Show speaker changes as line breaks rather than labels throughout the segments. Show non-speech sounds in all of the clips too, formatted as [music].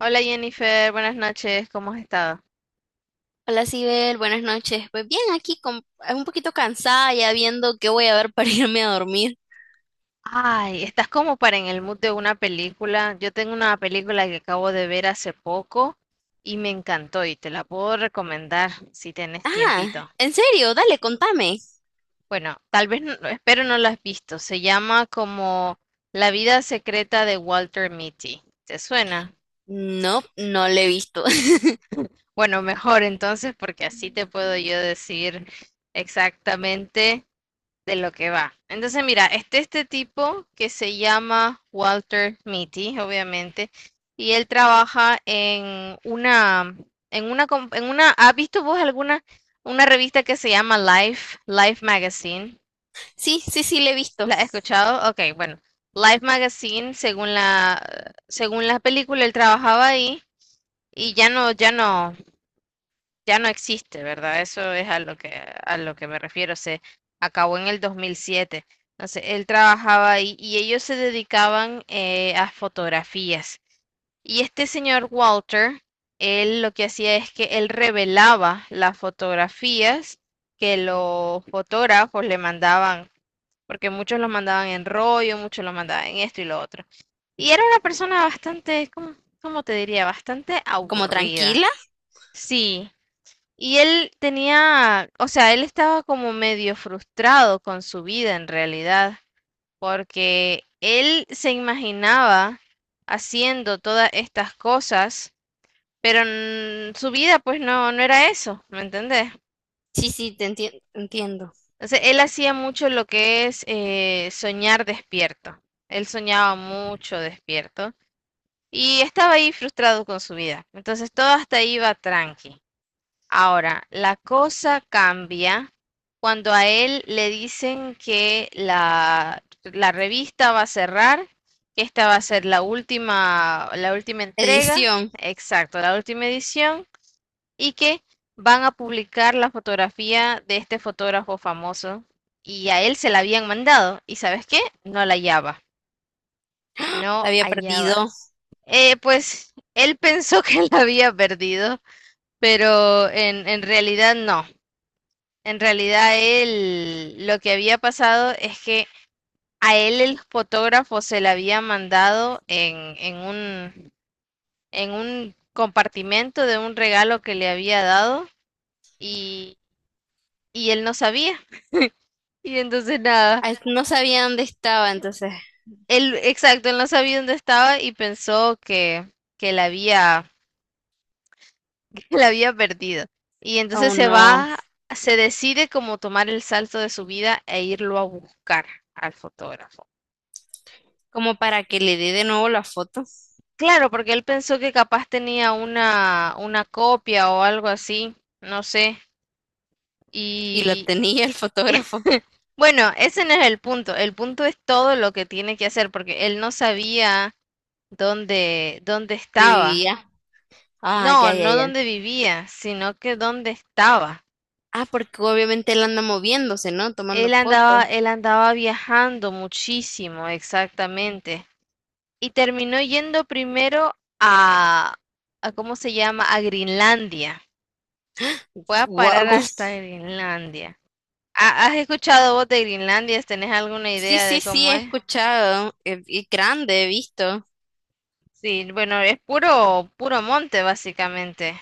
Hola Jennifer, buenas noches, ¿cómo has estado?
Hola, Sibel, buenas noches. Pues bien, aquí con, un poquito cansada ya viendo qué voy a ver para [laughs] irme a dormir.
Ay, estás como para en el mood de una película. Yo tengo una película que acabo de ver hace poco y me encantó y te la puedo recomendar si tenés
Ah,
tiempito.
¿en serio? Dale, contame.
Bueno, tal vez, espero no la has visto. Se llama como La vida secreta de Walter Mitty. ¿Te suena?
No, no le he visto. [laughs]
Bueno, mejor entonces porque así te puedo yo decir exactamente de lo que va. Entonces, mira, este tipo que se llama Walter Mitty, obviamente, y él trabaja en una, en una, ¿has visto vos alguna, una revista que se llama Life, Life Magazine?
Sí, sí, sí, le he visto.
¿La has escuchado? Ok, bueno, Life Magazine, según la película, él trabajaba ahí y ya no existe, ¿verdad? Eso es a lo que me refiero. Se acabó en el 2007. Entonces, él trabajaba ahí y ellos se dedicaban a fotografías. Y este señor Walter, él lo que hacía es que él revelaba las fotografías que los fotógrafos le mandaban, porque muchos los mandaban en rollo, muchos los mandaban en esto y lo otro. Y era una persona bastante, ¿cómo te diría? Bastante
¿Como tranquila?
aburrida. Sí, y él tenía, o sea, él estaba como medio frustrado con su vida en realidad, porque él se imaginaba haciendo todas estas cosas, pero en su vida pues no era eso, ¿me entendés?
Sí, sí, entiendo.
Entonces, él hacía mucho lo que es soñar despierto. Él soñaba mucho despierto y estaba ahí frustrado con su vida. Entonces todo hasta ahí iba tranqui. Ahora, la cosa cambia cuando a él le dicen que la revista va a cerrar, que esta va a ser la última entrega,
Edición.
exacto, la última edición, y que van a publicar la fotografía de este fotógrafo famoso. Y a él se la habían mandado. ¿Y sabes qué? No la hallaba.
[gasps]
No
La había
hallaba.
perdido.
Pues él pensó [laughs] que la había perdido, pero en realidad no. En realidad él, lo que había pasado es que a él el fotógrafo se le había mandado en un compartimento de un regalo que le había dado y, y él no sabía. Y entonces nada,
Ay, no sabía dónde estaba, entonces.
él, exacto, él no sabía dónde estaba y pensó que la había, [laughs] que la había perdido. Y
Oh,
entonces se
no.
va, se decide como tomar el salto de su vida e irlo a buscar al fotógrafo.
Como para que le dé de nuevo la foto.
Claro, porque él pensó que capaz tenía una copia o algo así, no sé.
Y la
Y
tenía el fotógrafo.
bueno, ese no es el punto. El punto es todo lo que tiene que hacer, porque él no sabía dónde estaba.
Vivía. Ah, ya,
No,
ya,
no
ya.
dónde vivía, sino que dónde estaba.
Ah, porque obviamente él anda moviéndose, ¿no? Tomando fotos.
Él andaba viajando muchísimo, exactamente. Y terminó yendo primero a ¿cómo se llama? A Greenlandia. Fue a
Wow.
parar hasta Greenlandia. ¿Has escuchado vos de Groenlandia? ¿Tenés alguna
Sí,
idea
sí,
de
sí,
cómo
he
es?
escuchado. Y grande, he visto.
Sí, bueno, es puro monte, básicamente.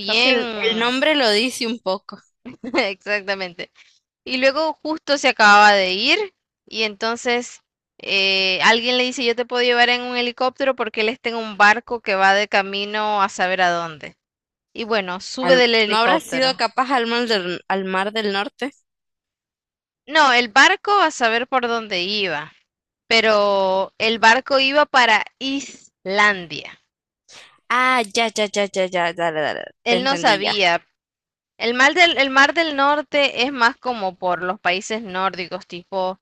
Creo que el nombre lo dice un poco.
[laughs] exactamente. Y luego justo se acababa de ir y entonces alguien le dice, yo te puedo llevar en un helicóptero porque él está en un barco que va de camino a saber a dónde. Y bueno, sube
Al-
del
¿no habrá sido
helicóptero.
capaz al mar del norte?
No, el barco a saber por dónde iba, pero el barco iba para Islandia.
Ah, ya, ya, ya, ya, ya, dale, dale, te
Él no
entendí ya.
sabía. El mar del norte es más como por los países nórdicos, tipo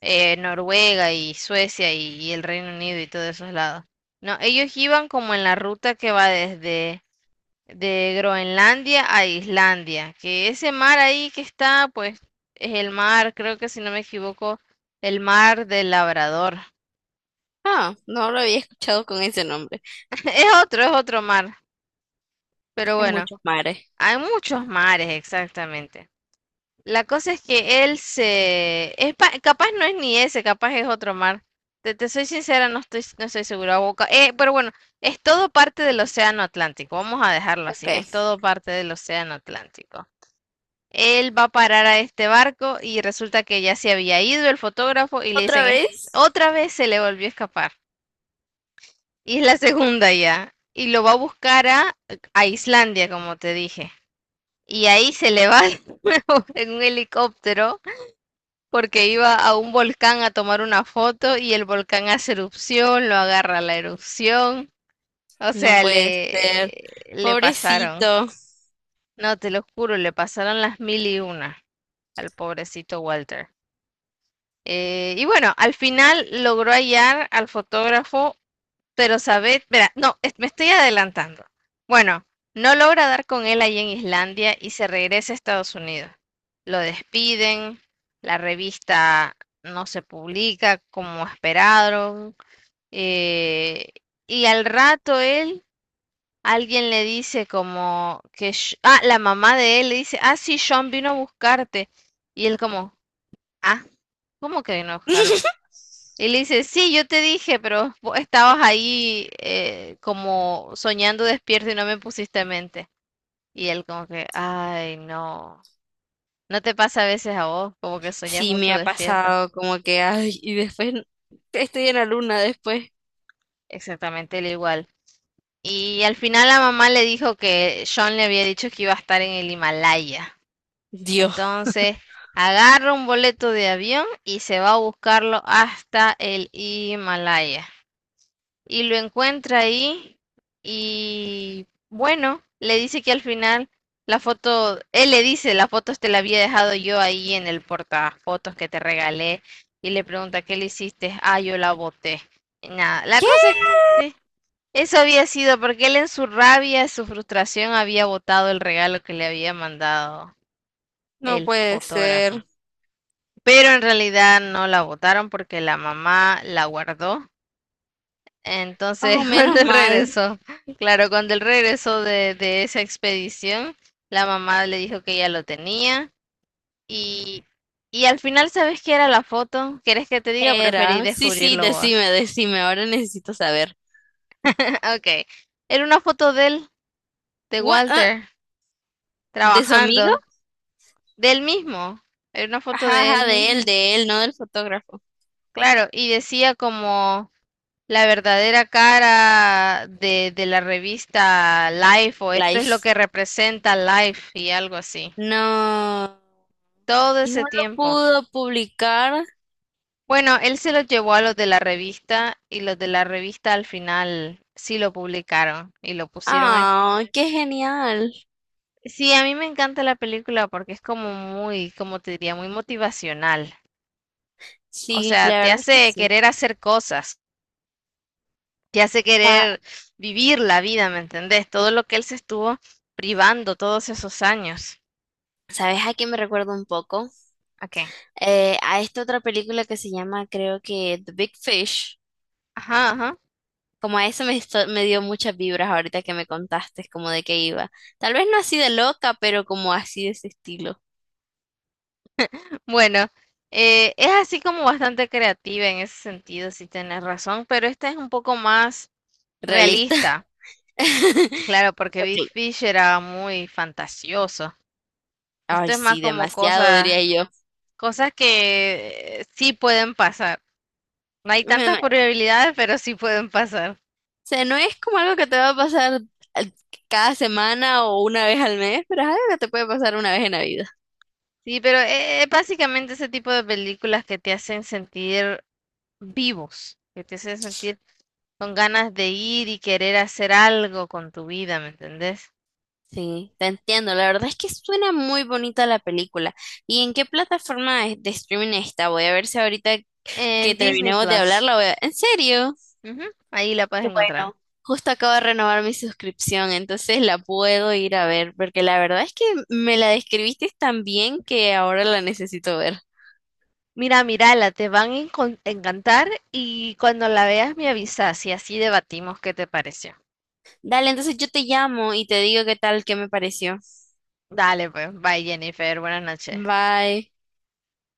Noruega y Suecia y el Reino Unido y todos esos lados. No, ellos iban como en la ruta que va desde de Groenlandia a Islandia, que ese mar ahí que está, pues es el mar, creo que si no me equivoco, el mar del Labrador.
Ah, no lo había escuchado con ese nombre.
[laughs] Es otro mar, pero
Hay
bueno,
muchos mares.
hay muchos mares exactamente. La cosa es que él se... Es Capaz no es ni ese, capaz es otro mar. Te soy sincera, no estoy segura. Pero bueno, es todo parte del Océano Atlántico. Vamos a dejarlo así. Es
Ok.
todo parte del Océano Atlántico. Él va a parar a este barco y resulta que ya se había ido el fotógrafo y le
¿Otra
dicen, "Es-
vez?
otra vez se le volvió a escapar. Y es la segunda ya. Y lo va a buscar a Islandia, como te dije. Y ahí se le va [laughs] de nuevo en un helicóptero porque iba a un volcán a tomar una foto y el volcán hace erupción, lo agarra la erupción. O
No
sea,
puede ser.
le pasaron,
Pobrecito.
no te lo juro, le pasaron las mil y una al pobrecito Walter. Y bueno, al final logró hallar al fotógrafo pero Sabet, verá, no, me estoy adelantando. Bueno, no logra dar con él allí en Islandia y se regresa a Estados Unidos. Lo despiden, la revista no se publica como esperaron, eh, y al rato él, alguien le dice como que, la mamá de él le dice, ah, sí, Sean vino a buscarte, y él como, ah, ¿cómo que vino a buscarme?
[laughs]
Y le dice, sí, yo te dije, pero vos estabas ahí como soñando despierto y no me pusiste en mente. Y él como que, ay, no, no te pasa a veces a vos, como que soñás
Sí,
mucho
me ha
despierta.
pasado como que, ay, y después estoy en la luna después.
Exactamente, él igual. Y al final la mamá le dijo que Sean le había dicho que iba a estar en el Himalaya.
Dios,
Entonces, agarra un boleto de avión y se va a buscarlo hasta el Himalaya. Y lo encuentra ahí y bueno, le dice que al final la foto, él le dice, la foto te la había dejado yo ahí en el portafotos que te regalé y le pregunta, ¿qué le hiciste? Ah, yo la boté. Y nada, la
qué
cosa es que sí, eso había sido porque él en su rabia, su frustración había botado el regalo que le había mandado
no
el
puede
fotógrafo.
ser.
Pero en realidad no la botaron porque la mamá la guardó
Oh,
entonces, [laughs] cuando
menos
él
mal.
regresó, claro, cuando él regresó de esa expedición, la mamá le dijo que ya lo tenía y, y al final, ¿sabes qué era la foto? ¿Querés que te diga? Preferí
Era. Sí, sí,
descubrirlo vos.
decime, decime, ahora necesito saber.
[laughs] Ok, era una foto de él, de
What? Ah,
Walter,
¿de su amigo?
trabajando, de él mismo, era una foto
Ajá,
de él
ajá,
mismo,
de él, no del fotógrafo.
claro, y decía como la verdadera cara de la revista Life o esto es lo
Life.
que representa Life y algo así.
No.
Todo
Y no
ese
lo
tiempo.
pudo publicar.
Bueno, él se los llevó a los de la revista y los de la revista al final sí lo publicaron y lo pusieron a...
Ah, qué genial.
Sí, a mí me encanta la película porque es como muy, como te diría, muy motivacional. O
Sí,
sea,
la
te
verdad es que
hace querer
sí.
hacer cosas, te hace
Sa-
querer vivir la vida, ¿me entendés? Todo lo que él se estuvo privando todos esos años.
¿Sabes a quién me recuerdo un poco?
Ok.
A esta otra película que se llama, creo que The Big Fish.
Ajá, ajá.
Como a eso me, me dio muchas vibras ahorita que me contaste, como de qué iba. Tal vez no así de loca, pero como así de ese estilo,
Bueno, es así como bastante creativa en ese sentido, si tenés razón, pero esta es un poco más
realista.
realista, claro,
[laughs]
porque Big
Ok.
Fish era muy fantasioso. Esto
Ay,
es más
sí,
como
demasiado,
cosas,
diría yo.
cosas que sí pueden pasar. No hay
Bueno,
tantas
o
probabilidades, pero sí pueden pasar.
sea, no es como algo que te va a pasar al- cada semana o una vez al mes, pero es algo que te puede pasar una vez en la vida.
Sí, pero es básicamente ese tipo de películas que te hacen sentir vivos, que te hacen sentir con ganas de ir y querer hacer algo con tu vida, ¿me entendés?
Sí, te entiendo. La verdad es que suena muy bonita la película. ¿Y en qué plataforma es de streaming está? Voy a ver si ahorita que
En Disney
terminemos de hablar,
Plus.
la voy a... ¿En serio?
Ujú, ahí la puedes
Qué
encontrar.
bueno. Justo acabo de renovar mi suscripción, entonces la puedo ir a ver, porque la verdad es que me la describiste tan bien que ahora la necesito ver.
Mira, mírala, te van a encantar y cuando la veas me avisas y así debatimos qué te pareció.
Dale, entonces yo te llamo y te digo qué tal, qué me pareció.
Dale, pues, bye Jennifer, buenas noches.
Bye.